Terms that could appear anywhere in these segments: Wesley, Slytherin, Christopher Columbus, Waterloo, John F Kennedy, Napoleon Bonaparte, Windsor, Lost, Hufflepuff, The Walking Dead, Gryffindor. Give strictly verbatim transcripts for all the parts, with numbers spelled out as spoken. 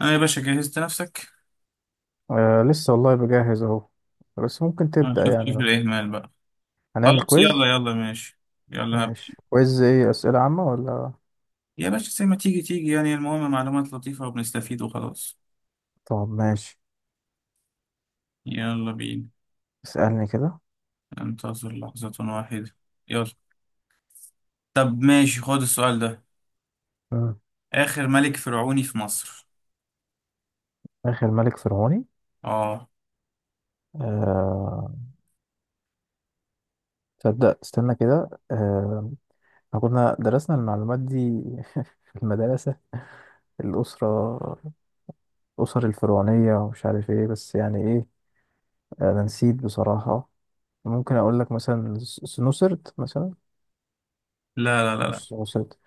اه يا باشا، جهزت نفسك؟ آه لسه والله بجهز اهو. بس ممكن اه، تبدأ شوف يعني شوف بقى، الإهمال بقى. هنعمل خلاص يلا كويز. يلا ماشي. يلا هبدأ. ماشي، كويز ايه؟ أسئلة عامة ولا؟ يا باشا زي ما تيجي تيجي، يعني المهم معلومات لطيفة وبنستفيد وخلاص. طب ماشي، يلا بينا. اسألني كده. انتظر لحظة واحدة. يلا. طب ماشي، خد السؤال ده: مم. آخر ملك فرعوني في مصر. آخر ملك فرعوني؟ اه. آه تصدق استنى كده، آه إحنا كنا درسنا المعلومات دي في المدرسة، الأسرة الأسر الفرعونية ومش عارف ايه، بس يعني ايه، آه، أنا نسيت بصراحة. ممكن أقول لك مثلا س- سنوسرت مثلا. لا لا لا لا. مش سنوسرت.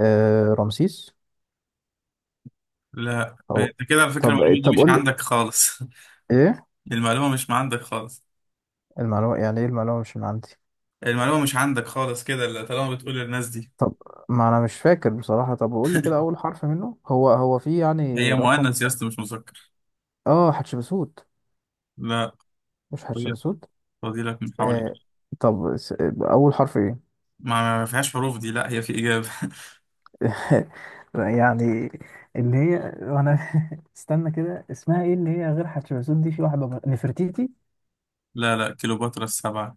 آه، رمسيس. لا ما أو، انت كده على فكرة طب المعلومة دي طب مش قول عندك خالص. ايه. المعلومة مش عندك خالص. المعلومة يعني ايه؟ المعلومة مش من عندي. المعلومة مش عندك خالص كده اللي طالما بتقول للناس دي. طب ما انا مش فاكر بصراحة، طب قول لي كده، اول حرف منه هو هو في يعني هي رقم. مؤنث يا اسطى مش مذكر. اه، حتشبسوت. لا. مش فاضي- حتشبسوت. فاضيلك محاولة. آه، طب س- اول حرف ايه؟ ما ما فيهاش حروف دي، لا هي في إجابة. يعني اللي هي وانا، استنى كده اسمها ايه؟ اللي هي غير حتشبسوت دي، في واحدة بقى- نفرتيتي. لا لا، كليوباترا السبعة.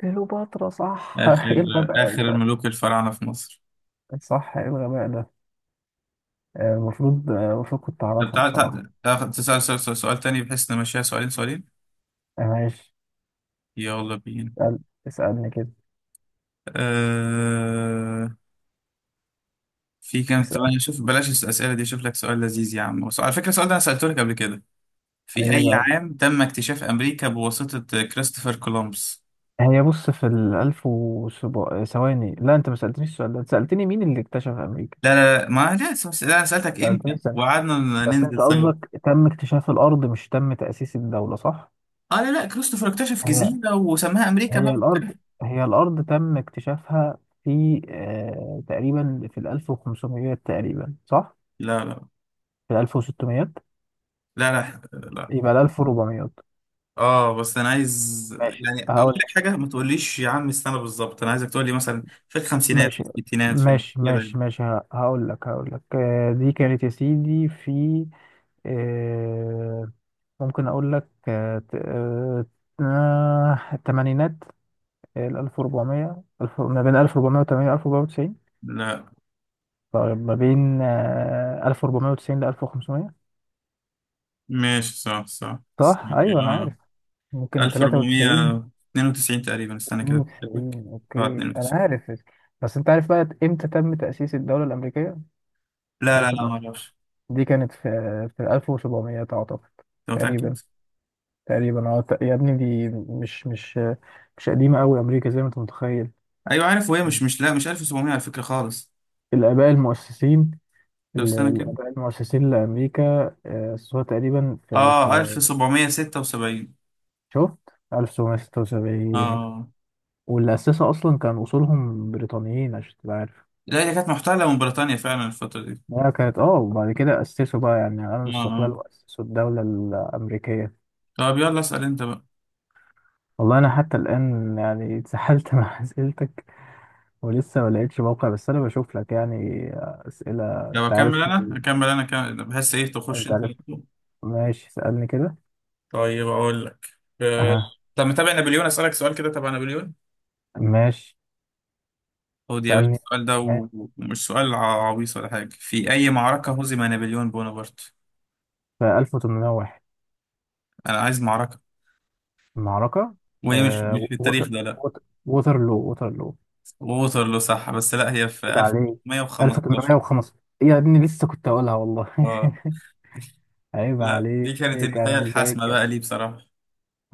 كليوباترا، صح. آخر، ايه الغباء آخر ده؟ الملوك الفراعنة في مصر. صح، ايه الغباء ده. آه، المفروض آه، المفروض كنت طب اعرفها تعال بصراحة. تعال تعال- تسأل سؤال, سؤال, سؤال تاني، بحيث نمشيها سؤالين سؤالين. آه، ماشي. يلا بينا. اسأل- اسألني كده. آه، في كام؟ اسأل. طب أنا شوف، بلاش الأسئلة دي، أشوف لك سؤال لذيذ يا عم وسؤ- على فكرة السؤال ده أنا سألته لك قبل كده: في ايه أي بقى؟ عام تم اكتشاف أمريكا بواسطة كريستوفر كولومبس؟ هي بص، في الألف وسبع ثواني. لا، أنت ما سألتنيش السؤال ده، أنت سألتني مين اللي اكتشف أمريكا. لا لا لا ما لا س- لا، أنا ما سألتك إمتى سألتنيش، سألت. وقعدنا بس أنت ننزل سوا. قصدك تم اكتشاف الأرض مش تم تأسيس الدولة، صح؟ اه لا لا، كريستوفر اكتشف هي جزيرة وسماها أمريكا هي بقى. الأرض هي الأرض تم اكتشافها في، آه، تقريبا، في الألف وخمسميات تقريبا، صح؟ لا لا في الألف وستميات. لا لا لا. يبقى الألف وربعميات. اه بس انا عايز ماشي يعني اقول هقول لك لك. حاجه، ما تقوليش يا عم السنه بالظبط، انا عايزك تقول لي مثلا في الخمسينات، في ماشي الستينات، في ال- ماشي كده يعني. ماشي ماشي ه- هقول لك هقول لك، آه، دي كانت يا سيدي في، آه، ممكن اقول لك، آه، ت- آه، آه، الثمانينات. ال ألف وأربعمية، ألف- ما بين ألف وأربعمية وتمانين و ألف وأربعمية وتسعين. لا. طيب ما بين، آه، ألف وأربعمية وتسعين ل ألف وخمسمية. ماشي صح صح. صح، ايوه انا آه، عارف. ممكن تلاتة وتسعين. ألف واربعمية اتنين وتسعين تقريبا. استنى كده أتأكد لك. اتنين وتسعين، اوكي اه انا اتنين وتسعين. عارف. بس انت عارف بقى امتى تم تأسيس الدولة الأمريكية؟ لا لا عارف لا ما المعلومة؟ اعرفش. دي كانت في، في ألف وسبعمية اعتقد. انت متاكد؟ تقريبا. تقريبا اه، ت- يا ابني، دي مش مش، مش قديمة قوي أمريكا زي ما انت متخيل. ايوه عارف، وهي مش مش لا مش ألف وسبعمية على فكره خالص. الآباء المؤسسين، طب ال- استنى كده. الآباء المؤسسين لأمريكا، آه، أسسوها تقريبا في، اه في ألف وسبعمية ستة وسبعين. شفت، ألف وسبعمية ستة وسبعين. اه. واللي أسسها أصلا كان أصولهم بريطانيين عشان تبقى عارف. لا هي كانت محتله من بريطانيا فعلا الفتره دي. هي كانت، اه، وبعد كده أسسوا بقى يعني، عملوا اه الاستقلال آه. وأسسوا الدولة الأمريكية. طب يلا اسال انت بقى. والله أنا حتى الآن يعني اتسحلت مع أسئلتك، ولسه ما لقيتش موقع، بس أنا بشوف لك يعني أسئلة، لو أنت اكمل انا عارفني. اكمل انا كم، بحس ايه تخش أنت انت عارف، على طول. ماشي سألني كده. طيب اقول لك. أه. أها، طب متابع نابليون؟ اسالك سؤال كده تبع نابليون. ماشي، خد يا باشا سألني. السؤال ده ماشي. و- ومش سؤال ع- عويص ولا حاجه: في اي معركه هزم نابليون بونابرت؟ في ألف وتمنمية وواحد. انا عايز معركه. معركة. وهي مش مش آه في التاريخ ووتر ده، لا. ووتر ووترلو ووترلو. ووترلو صح، بس لا هي في عيب عليك. ألف ومية وخمستاشر. ألف وتمنمية وخمسة. يا ابني لسه كنت هقولها والله اه عيب لا دي عليك، كانت النهايه انا الحاسمه مذاكر. بقى ليه بصراحه.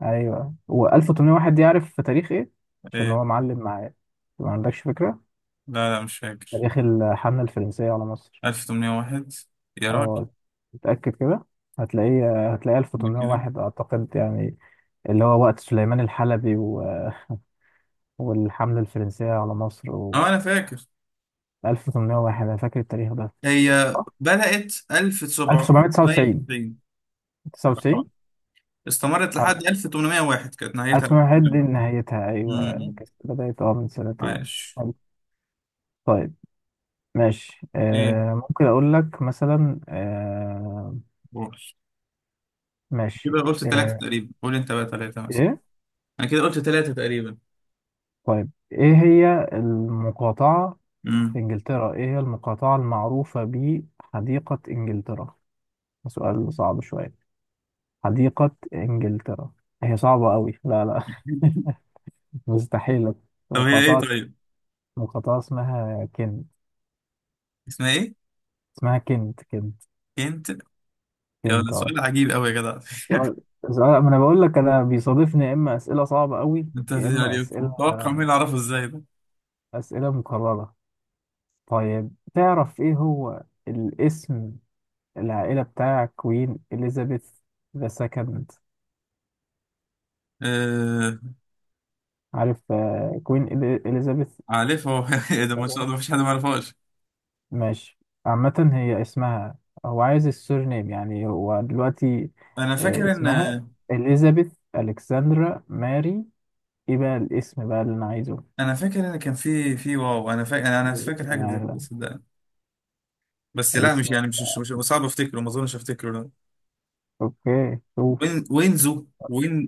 ايوه، و1801 دي عارف في تاريخ ايه؟ عشان ايه؟ هو معلم معايا. ما عندكش فكرة. لا لا مش فاكر. تاريخ الحملة الفرنسية على مصر. ألف وتمنمية وواحد يا راجل. اه، متأكد كده. هتلاقيه هتلاقيه أنا كده. تمنتاشر واحد اعتقد يعني، اللي هو وقت سليمان الحلبي و... والحملة الفرنسية على مصر و اه انا فاكر. ألف وتمنمية وواحد، انا فاكر التاريخ ده. هي بدأت ألف وسبعمية تسعة وتسعين. ألف وسبعمية تمنية وتسعين. آه. تسعة وتسعين. استمرت اه، لحد تمنتاشر واحد، كانت نهايتها تمنتاشر واحد دي الجامعة. نهايتها، ايوه، امم. كانت بدأت اه من سنتين. عايش. حلو. طيب ماشي. ايه؟ آه، ممكن اقول لك مثلا، آه، قول. كده ماشي، قلت ثلاثة آه، تقريبا، قول انت بقى ثلاثة مثلا. ايه؟ انا كده قلت ثلاثة تقريبا. طيب، ايه هي المقاطعة امم. في انجلترا، ايه هي المقاطعة المعروفة بحديقة انجلترا؟ ده سؤال صعب شوية. حديقة انجلترا. هي صعبة قوي، لا لا مستحيل. طب هي ايه مقاطعة، طيب؟ مقاطعة اسمها كنت. اسمها ايه؟ اسمها كنت كنت. كنت. يا ده فهمت، اه. سؤال عجيب قوي يا جدع. سؤال، سؤال ما انا بقول لك، انا بيصادفني يا اما اسئله صعبه قوي، انت يا اما يعني اسئله، متوقع مين اللي اعرفه ازاي ده؟ اسئله مكرره. طيب تعرف ايه هو الاسم العائله بتاع كوين اليزابيث ذا سكند؟ آه. عارف، آه، كوين إلي- اليزابيث عارفه. ذا ايه ده، ما شاء سكند. الله، مفيش حد ما يعرفهاش. ماشي، عامه هي اسمها، هو عايز السورنيم يعني، هو دلوقتي، انا آه، فاكر ان، اسمها اليزابيث الكسندرا ماري، ايه بقى الاسم بقى اللي انا عايزه؟ انا فاكر ان كان في في واو، انا فاكر، انا أنا ده اسم فاكر حاجه زي كده العائله. صدقني. بس لا مش اسم، يعني مش مش, مش صعب افتكره، ما اظنش افتكره، لا. اوكي شوف. وين وينزو وين.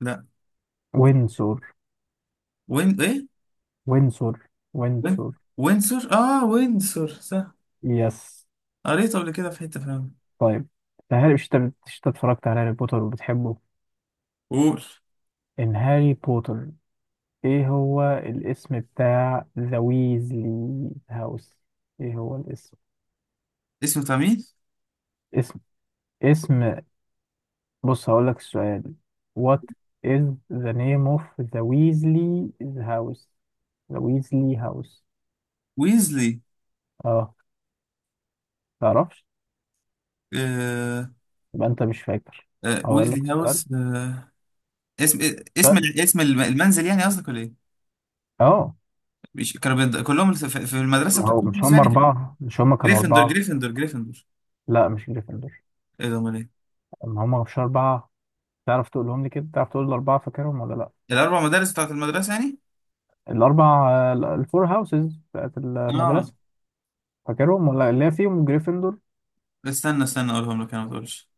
لا. وين، وينسور، وين ايه؟ وينسور، وين. وينسور. وينسور. اه وينسور صح. يس. قريته قبل كده في حته فعلا. طيب، هاري، مش انت مش انت اتفرجت على هاري بوتر وبتحبه، قول. ان هاري بوتر، ايه هو الاسم بتاع ذا ويزلي هاوس؟ ايه هو الاسم؟ اسمه بتاع مين؟ اسم، اسم بص هقول لك السؤال. What is the name of the Weasley house, the Weasley house? ويزلي. اه، تعرفش؟ آه. يبقى انت مش فاكر. آه هقول لك ويزلي السؤال. هاوس. آه. اسم، اسم، سؤال. اسم المنزل يعني قصدك ولا ايه؟ اه، مش كانوا بيند- كلهم في في المدرسه ما هو، بتاعتهم مش هم يعني، كان أربعة مش هم كانوا جريفندور أربعة؟ جريفندور جريفندور. لا مش جريفندور. ايه ده امال إيه؟ ما هم مش أربعة؟ تعرف تقولهم لي كده، تعرف تقول الأربعة، فاكرهم ولا لا؟ الاربع مدارس بتاعت المدرسه يعني. الأربع، آه، الفور هاوسز بتاعت اه. المدرسة، فاكرهم؟ ولا اللي هي فيهم جريفندور؟ استنى استنى اقولهم لك انا، ما تقولش.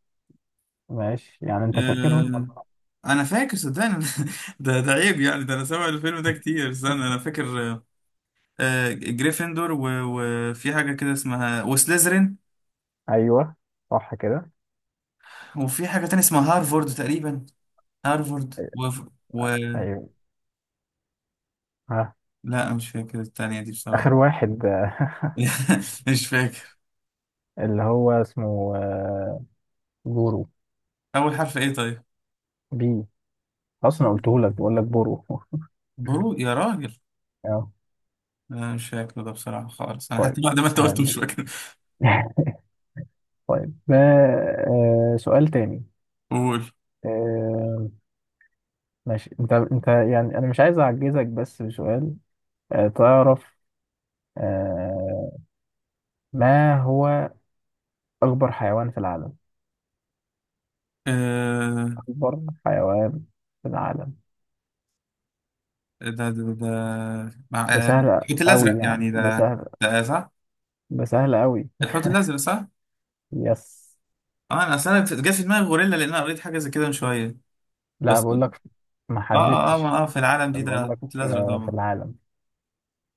ماشي يعني، أنت فاكرهم ولا آه، لا؟ انا فاكر صدقني. ده ده عيب يعني، ده انا سامع الفيلم ده كتير. استنى انا فاكر. آه، آه، جريفندور و- وفي حاجه كده اسمها وسليزرين. ايوه صح كده. وفي حاجه تانية اسمها هارفورد تقريبا. هارفورد و، و، ايوه. ها، لا مش فاكر التانية دي بصراحه. اخر واحد مش فاكر. اللي هو اسمه، آه، بورو. اول حرف ايه طيب؟ بي. أصلا قلته لك، بقول لك بورو برو يا راجل. أه. لا مش فاكر ده بصراحه خالص، انا طيب، حتى بعد ما انت قلت هذه مش فاكر. طيب، آه، آه، سؤال تاني. قول. آه، ماشي، انت انت يعني، انا مش عايز اعجزك بس بسؤال. آه تعرف، آه، ما هو اكبر حيوان في العالم؟ اكبر حيوان في العالم. ده ده ده مع ده آه، سهل الحوت قوي الازرق يعني، يعني ده ده. سهل. ده آه، صح. ده سهل قوي. الحوت الازرق صح. يس. اه، انا اصل انا جه في دماغي غوريلا، لان انا قريت حاجه زي كده من شويه. لا بس. بقول لك، ما اه اه اه حددتش. ما- آه، في العالم دي ده بقول الحوت لك الازرق آه، في طبعا. العالم.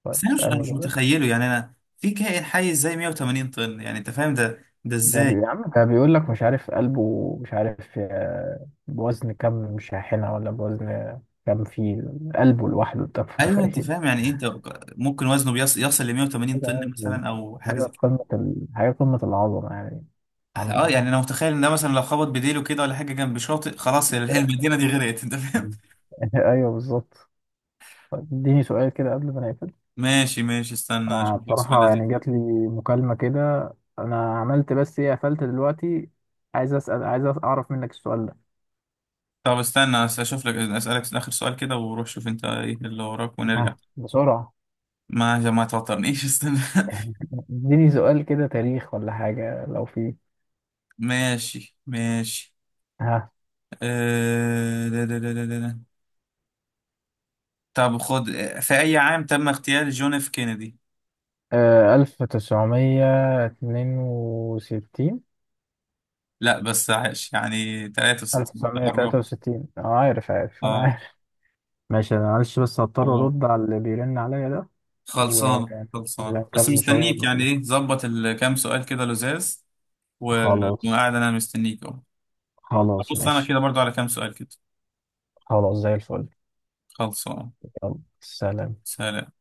طيب بس انا مش انا اسالني مش كده. متخيله يعني، انا في كائن حي ازاي مية وتمانين طن؟ يعني انت فاهم ده ده ده بي... ازاي؟ يا عم، ده بيقول لك مش عارف، قلبه مش عارف، آه، بوزن كم شاحنة، ولا بوزن كام فيل. قلبه لوحده، انت ايوه انت متخيل. فاهم يعني ايه انت. ممكن وزنه بيص- يصل ل مية وتمانين طن طبعاً، مثلا او حاجه حاجة زي كده. قمة ال... حاجة قمة العظمة يعني. سبحان اه الله. يعني انا متخيل ان ده مثلا لو خبط بديله كده ولا حاجه جنب شاطئ، خلاص المدينه دي غرقت، انت فاهم. أيوه بالظبط. طيب اديني سؤال كده قبل ما نقفل. ماشي ماشي، استنى أنا اشوف لك سؤال بصراحة لذيذ. يعني جات لي مكالمة كده، أنا عملت بس إيه قفلت دلوقتي، عايز أسأل، عايز أعرف منك السؤال ده. طب استنى أس- اشوف لك اسالك اخر سؤال كده وروح شوف انت ايه اللي وراك ونرجع. ها بسرعة. ما عشان ما توترنيش. استنى. اديني سؤال كده، تاريخ ولا حاجة لو في. ماشي ماشي. ها. أه. ده ده ده ده ده. ده. طب خد: في اي عام تم اغتيال جون اف كينيدي؟ ألف تسعمية اتنين وستين. لا بس عاش يعني ألف تلاتة وستين، تسعمية تلاتة قربت. وستين، أه عارف عارف، أنا اه. عارف. ماشي، انا معلش بس هضطر قربت. ارد على اللي بيرن عليا ده، خلصانه خلصانه بس ونكمل ان شاء مستنيك يعني، الله. ايه ظبط الكام سؤال كده لزاز، و- خلاص، وقاعد انا مستنيك اهو. خلاص بص انا ماشي. كده برضو على كام سؤال كده. خلاص زي الفل. خلصانه. يلا سلام. سلام.